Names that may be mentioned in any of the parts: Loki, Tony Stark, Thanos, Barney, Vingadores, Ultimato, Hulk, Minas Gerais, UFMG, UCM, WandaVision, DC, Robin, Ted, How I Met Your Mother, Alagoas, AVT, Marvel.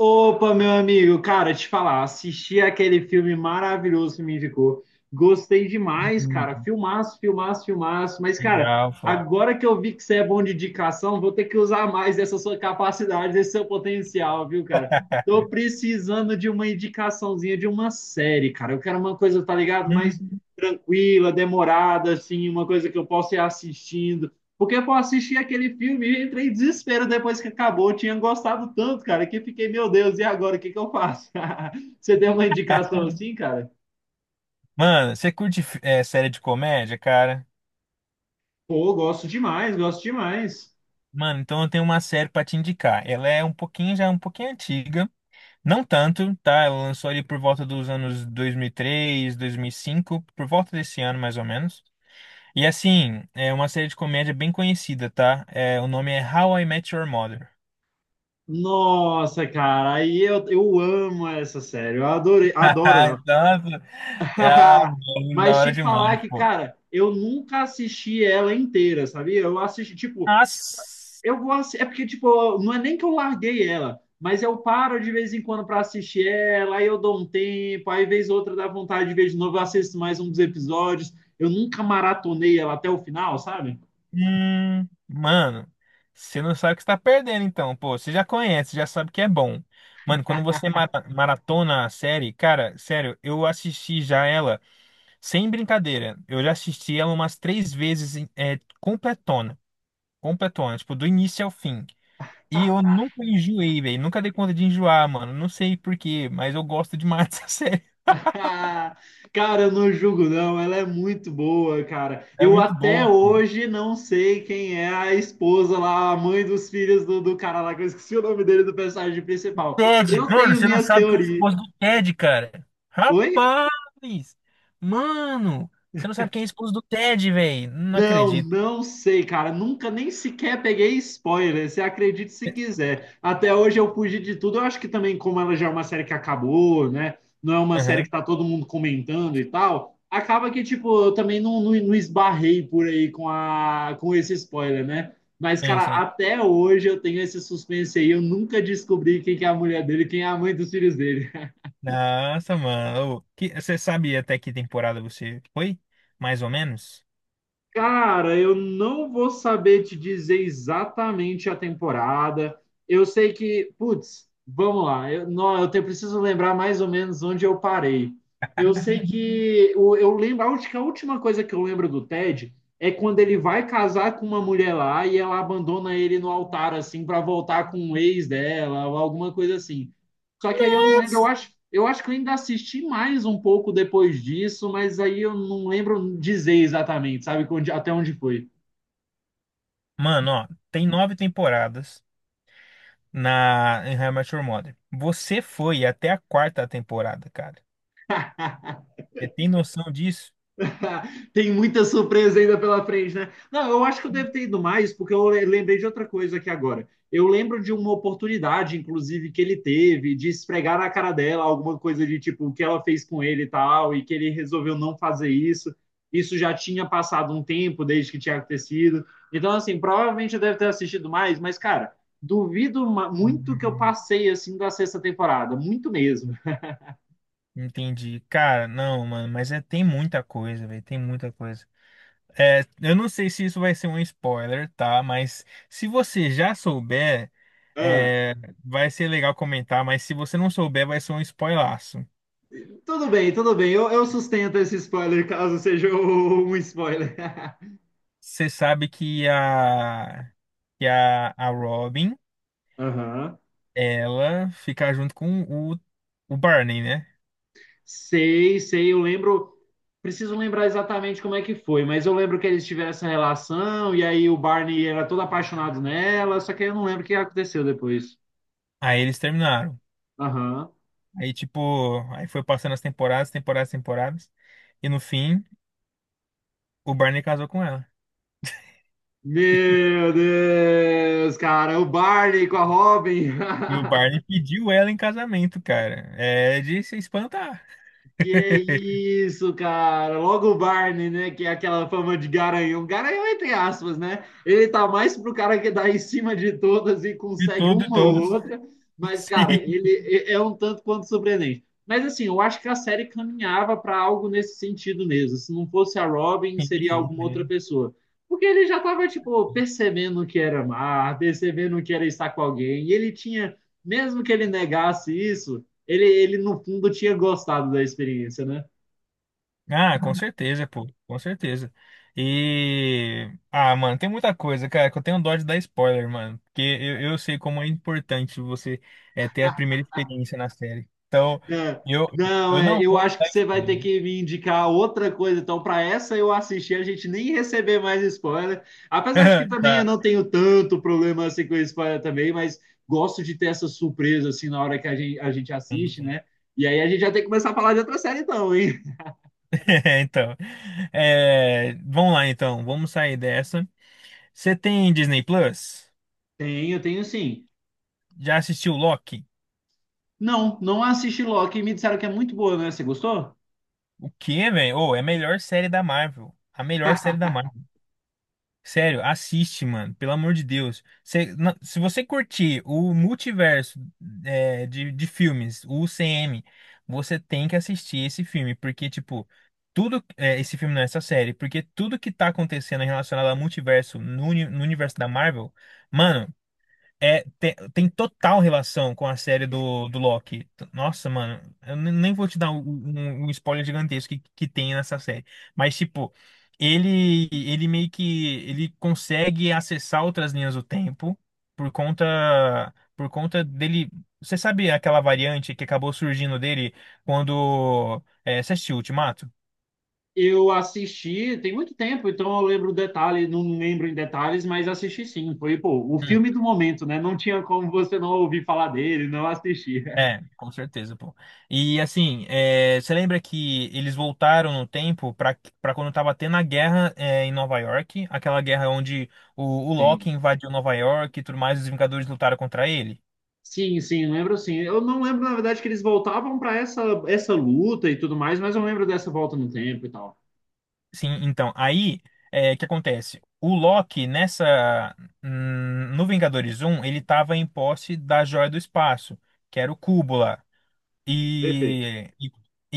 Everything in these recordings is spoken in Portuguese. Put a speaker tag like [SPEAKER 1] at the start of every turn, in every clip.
[SPEAKER 1] Opa, meu amigo, cara, te falar, assisti aquele filme maravilhoso que me indicou. Gostei demais, cara.
[SPEAKER 2] Hum.
[SPEAKER 1] Filmaço, filmaço, filmaço. Mas, cara,
[SPEAKER 2] Legal, pô.
[SPEAKER 1] agora que eu vi que você é bom de indicação, vou ter que usar mais dessa sua capacidade, desse seu potencial, viu, cara? Tô precisando de uma indicaçãozinha de uma série, cara. Eu quero uma coisa, tá ligado? Mais
[SPEAKER 2] Hum.
[SPEAKER 1] tranquila, demorada, assim, uma coisa que eu possa ir assistindo. Porque eu assisti aquele filme e entrei em desespero depois que acabou. Eu tinha gostado tanto, cara, que fiquei, meu Deus, e agora o que que eu faço? Você tem uma indicação assim, cara?
[SPEAKER 2] Mano, você curte série de comédia, cara?
[SPEAKER 1] Pô, gosto demais, gosto demais.
[SPEAKER 2] Mano, então eu tenho uma série pra te indicar. Ela é um pouquinho, já é um pouquinho antiga. Não tanto, tá? Ela lançou ali por volta dos anos dois mil e três, 2005, por volta desse ano mais ou menos. E assim, é uma série de comédia bem conhecida, tá? O nome é How I Met Your Mother.
[SPEAKER 1] Nossa, cara, aí eu amo essa série, eu adorei, adoro ela.
[SPEAKER 2] Nossa, é, ah, mano, da
[SPEAKER 1] Mas
[SPEAKER 2] hora
[SPEAKER 1] te falar
[SPEAKER 2] demais,
[SPEAKER 1] que,
[SPEAKER 2] pô.
[SPEAKER 1] cara, eu nunca assisti ela inteira, sabia? Eu assisti, tipo,
[SPEAKER 2] Nossa.
[SPEAKER 1] É porque, tipo, não é nem que eu larguei ela, mas eu paro de vez em quando para assistir ela, aí eu dou um tempo, aí vez ou outra dá vontade de ver de novo, eu assisto mais um dos episódios. Eu nunca maratonei ela até o final, sabe?
[SPEAKER 2] Mano, você não sabe o que está perdendo, então. Pô, você já conhece, já sabe que é bom. Mano, quando você maratona a série, cara, sério, eu assisti já ela sem brincadeira. Eu já assisti ela umas três vezes, completona. Completona, tipo, do início ao fim. E eu nunca enjoei, velho. Nunca dei conta de enjoar, mano. Não sei por quê, mas eu gosto demais dessa série.
[SPEAKER 1] Cara, eu não julgo, não. Ela é muito boa, cara.
[SPEAKER 2] É
[SPEAKER 1] Eu
[SPEAKER 2] muito
[SPEAKER 1] até
[SPEAKER 2] boa.
[SPEAKER 1] hoje não sei quem é a esposa lá, a mãe dos filhos do cara lá, que eu esqueci o nome dele do personagem principal.
[SPEAKER 2] Ted,
[SPEAKER 1] Eu
[SPEAKER 2] mano,
[SPEAKER 1] tenho
[SPEAKER 2] você não
[SPEAKER 1] minhas
[SPEAKER 2] sabe quem é o
[SPEAKER 1] teorias.
[SPEAKER 2] esposo do Ted, cara.
[SPEAKER 1] Oi?
[SPEAKER 2] Rapaz! Mano, você não sabe quem é o esposo do Ted, velho. Não
[SPEAKER 1] Não,
[SPEAKER 2] acredito.
[SPEAKER 1] não sei, cara. Nunca nem sequer peguei spoiler. Você acredite se quiser. Até hoje eu fugi de tudo. Eu acho que também, como ela já é uma série que acabou, né? Não é uma série que
[SPEAKER 2] Aham,
[SPEAKER 1] tá todo mundo comentando e tal. Acaba que, tipo, eu também não esbarrei por aí com, a, com esse spoiler, né? Mas,
[SPEAKER 2] sim,
[SPEAKER 1] cara,
[SPEAKER 2] sim.
[SPEAKER 1] até hoje eu tenho esse suspense aí. Eu nunca descobri quem que é a mulher dele, quem é a mãe dos filhos dele.
[SPEAKER 2] Nossa, mano. Você sabe até que temporada você foi? Mais ou menos?
[SPEAKER 1] Cara, eu não vou saber te dizer exatamente a temporada. Eu sei que, putz, vamos lá. Eu, não, preciso lembrar mais ou menos onde eu parei. Eu sei que lembro, a última coisa que eu lembro do Ted é quando ele vai casar com uma mulher lá e ela abandona ele no altar assim para voltar com o ex dela ou alguma coisa assim. Só que aí eu não lembro, eu
[SPEAKER 2] Nossa!
[SPEAKER 1] acho eu acho que eu ainda assisti mais um pouco depois disso, mas aí eu não lembro dizer exatamente, sabe, até onde foi.
[SPEAKER 2] Mano, ó, tem 9 temporadas na em How I Met Your Mother. Você foi até a 4ª temporada, cara. Você tem noção disso?
[SPEAKER 1] Tem muita surpresa ainda pela frente, né? Não, eu acho que eu devo ter ido mais, porque eu lembrei de outra coisa aqui agora. Eu lembro de uma oportunidade, inclusive, que ele teve de esfregar na cara dela alguma coisa de tipo o que ela fez com ele e tal, e que ele resolveu não fazer isso. Isso já tinha passado um tempo desde que tinha acontecido. Então, assim, provavelmente eu devo ter assistido mais, mas, cara, duvido muito que eu passei assim da sexta temporada, muito mesmo.
[SPEAKER 2] Entendi. Cara, não, mano, mas é, tem muita coisa, velho, tem muita coisa. É, eu não sei se isso vai ser um spoiler, tá? Mas se você já souber,
[SPEAKER 1] Ah.
[SPEAKER 2] é, vai ser legal comentar, mas se você não souber, vai ser um spoilaço.
[SPEAKER 1] Tudo bem, tudo bem. Eu sustento esse spoiler, caso seja um spoiler.
[SPEAKER 2] Você sabe que que a Robin,
[SPEAKER 1] Aham.
[SPEAKER 2] ela fica junto com o, o Barney, né?
[SPEAKER 1] Sei, sei, eu lembro. Preciso lembrar exatamente como é que foi, mas eu lembro que eles tiveram essa relação e aí o Barney era todo apaixonado nela, só que eu não lembro o que aconteceu depois.
[SPEAKER 2] Aí eles terminaram.
[SPEAKER 1] Aham.
[SPEAKER 2] Aí, tipo, aí foi passando as temporadas, e no fim, o Barney casou com ela.
[SPEAKER 1] Meu Deus, cara, o Barney com a Robin.
[SPEAKER 2] E o Barney pediu ela em casamento, cara. É de se espantar.
[SPEAKER 1] Que isso, cara. Logo o Barney, né? Que é aquela fama de garanhão. Garanhão, entre aspas, né? Ele tá mais pro cara que dá em cima de todas e
[SPEAKER 2] De
[SPEAKER 1] consegue
[SPEAKER 2] tudo e
[SPEAKER 1] uma ou
[SPEAKER 2] todos.
[SPEAKER 1] outra. Mas, cara,
[SPEAKER 2] Sim.
[SPEAKER 1] ele é um tanto quanto surpreendente. Mas, assim, eu acho que a série caminhava para algo nesse sentido mesmo. Se não fosse a Robin, seria
[SPEAKER 2] Enfim,
[SPEAKER 1] alguma
[SPEAKER 2] é.
[SPEAKER 1] outra pessoa. Porque ele já tava, tipo, percebendo que era amar, percebendo que era estar com alguém. E ele tinha, mesmo que ele negasse isso no fundo, tinha gostado da experiência, né?
[SPEAKER 2] Ah, com certeza, pô. Com certeza. E. Ah, mano, tem muita coisa, cara, que eu tenho dó de dar spoiler, mano. Porque eu sei como é importante você ter a primeira experiência na série. Então,
[SPEAKER 1] É,
[SPEAKER 2] eu,
[SPEAKER 1] não,
[SPEAKER 2] eu
[SPEAKER 1] é,
[SPEAKER 2] não
[SPEAKER 1] eu
[SPEAKER 2] vou te
[SPEAKER 1] acho que
[SPEAKER 2] dar
[SPEAKER 1] você vai ter
[SPEAKER 2] spoiler.
[SPEAKER 1] que me indicar outra coisa. Então, para essa eu assistir, a gente nem receber mais spoiler. Apesar de que também eu
[SPEAKER 2] Tá.
[SPEAKER 1] não tenho tanto problema assim com spoiler também, mas gosto de ter essa surpresa assim na hora que a gente
[SPEAKER 2] Sim,
[SPEAKER 1] assiste,
[SPEAKER 2] sim.
[SPEAKER 1] né? E aí a gente já tem que começar a falar de outra série, então, hein?
[SPEAKER 2] Então, é, vamos lá então, vamos sair dessa. Você tem Disney Plus?
[SPEAKER 1] Tenho, tenho sim.
[SPEAKER 2] Já assistiu Loki?
[SPEAKER 1] Não, não assisti Loki e me disseram que é muito boa, né? Você gostou?
[SPEAKER 2] O quê, velho? Ô, é a melhor série da Marvel. A melhor série da Marvel. Sério, assiste, mano. Pelo amor de Deus. Se você curtir o multiverso de filmes, o UCM, você tem que assistir esse filme. Porque, tipo, tudo. É, esse filme não é essa série. Porque tudo que tá acontecendo relacionado ao multiverso no universo da Marvel, mano. É, tem total relação com a série do Loki. Nossa, mano, nem vou te dar um, um spoiler gigantesco que tem nessa série. Mas, tipo, ele meio que ele consegue acessar outras linhas do tempo por conta dele. Você sabe aquela variante que acabou surgindo dele quando. É, você assistiu Ultimato?
[SPEAKER 1] Eu assisti tem muito tempo, então eu lembro detalhes, não lembro em detalhes, mas assisti sim. Foi, pô, o filme do momento, né? Não tinha como você não ouvir falar dele, não assistir.
[SPEAKER 2] É, com certeza, pô. E assim, é, você lembra que eles voltaram no tempo pra para quando tava tendo a guerra é, em Nova York, aquela guerra onde o, o Loki
[SPEAKER 1] Sim.
[SPEAKER 2] invadiu Nova York e tudo mais, os Vingadores lutaram contra ele?
[SPEAKER 1] Sim, sim, lembro sim. Eu não lembro, na verdade, que eles voltavam para essa luta e tudo mais, mas eu lembro dessa volta no tempo e tal.
[SPEAKER 2] Sim, então, aí é, o que acontece? O Loki nessa no Vingadores um ele tava em posse da Joia do Espaço, que era o cubo lá.
[SPEAKER 1] Perfeito.
[SPEAKER 2] E, e,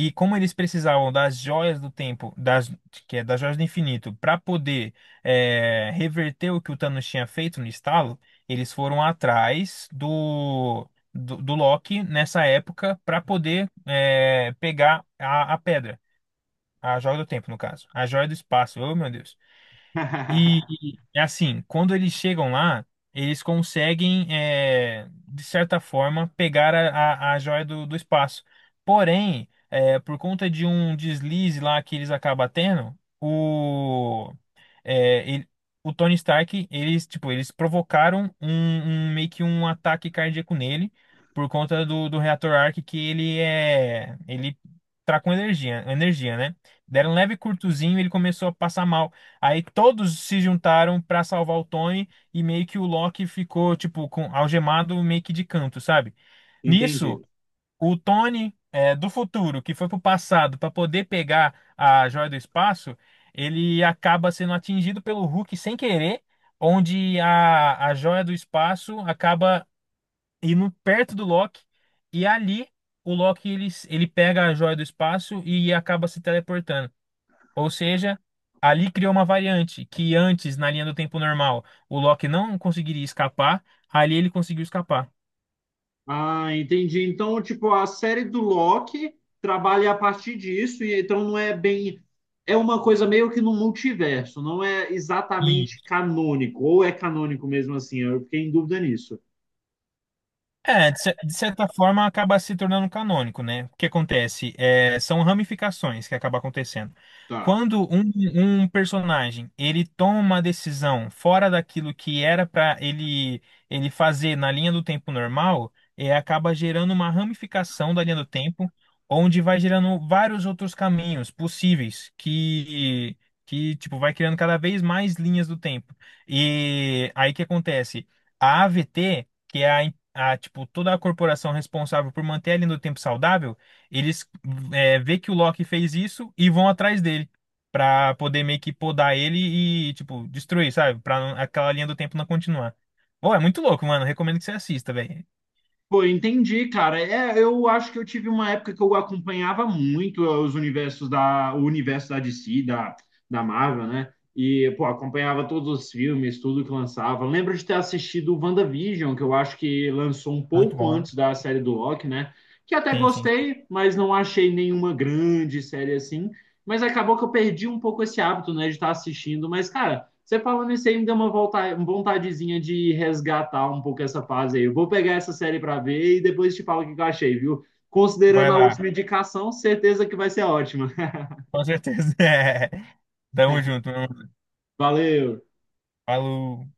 [SPEAKER 2] e como eles precisavam das joias do tempo, das, que é das joias do infinito, para poder é, reverter o que o Thanos tinha feito no estalo, eles foram atrás do Loki nessa época para poder é, pegar a pedra, a joia do tempo, no caso, a joia do espaço. Oh, meu Deus. E é assim, quando eles chegam lá, eles conseguem, é, de certa forma, pegar a joia do espaço. Porém, é, por conta de um deslize lá que eles acabam tendo, é, ele- o Tony Stark, eles, tipo, eles provocaram um, um- meio que um ataque cardíaco nele por conta do reator Arc que ele é, ele tá com energia, né? Deram um leve curtozinho, e ele começou a passar mal. Aí todos se juntaram pra salvar o Tony e meio que o Loki ficou tipo com algemado meio que de canto, sabe? Nisso
[SPEAKER 1] Entendi.
[SPEAKER 2] o Tony é, do futuro, que foi pro passado para poder pegar a joia do espaço, ele acaba sendo atingido pelo Hulk sem querer, onde a joia do espaço acaba indo perto do Loki, e ali o Loki ele pega a joia do espaço e acaba se teleportando. Ou seja, ali criou uma variante que antes, na linha do tempo normal, o Loki não conseguiria escapar, ali ele conseguiu escapar.
[SPEAKER 1] Ah, entendi. Então, tipo, a série do Loki trabalha a partir disso, e então não é bem. É uma coisa meio que no multiverso, não é exatamente canônico, ou é canônico mesmo assim, eu fiquei em dúvida nisso.
[SPEAKER 2] É, de certa forma acaba se tornando canônico, né? O que acontece? É, são ramificações que acabam acontecendo.
[SPEAKER 1] Tá.
[SPEAKER 2] Quando um personagem ele toma uma decisão fora daquilo que era para ele fazer na linha do tempo normal, é, acaba gerando uma ramificação da linha do tempo, onde vai gerando vários outros caminhos possíveis que tipo vai criando cada vez mais linhas do tempo. E aí o que acontece? A AVT que é a, tipo, toda a corporação responsável por manter ele no tempo saudável, eles é, vê que o Loki fez isso e vão atrás dele pra poder meio que podar ele e, tipo, destruir, sabe? Pra não- aquela linha do tempo não continuar. Pô, é muito louco, mano. Recomendo que você assista, velho.
[SPEAKER 1] Pô, entendi, cara. É, eu acho que eu tive uma época que eu acompanhava muito os universos o universo da DC, da Marvel, né? E, pô, acompanhava todos os filmes, tudo que lançava. Lembro de ter assistido o WandaVision, que eu acho que lançou um
[SPEAKER 2] Muito
[SPEAKER 1] pouco
[SPEAKER 2] bom.
[SPEAKER 1] antes da série do Loki, né? Que até
[SPEAKER 2] Sim, sim.
[SPEAKER 1] gostei, mas não achei nenhuma grande série assim. Mas acabou que eu perdi um pouco esse hábito, né, de estar assistindo. Mas, cara. Você falando isso aí me deu uma vontadezinha de resgatar um pouco essa fase aí. Eu vou pegar essa série para ver e depois te falo o que eu achei, viu?
[SPEAKER 2] Vai
[SPEAKER 1] Considerando a última
[SPEAKER 2] lá,
[SPEAKER 1] indicação, certeza que vai ser ótima.
[SPEAKER 2] com certeza. É. Tamo junto, meu irmão.
[SPEAKER 1] Valeu!
[SPEAKER 2] Falou.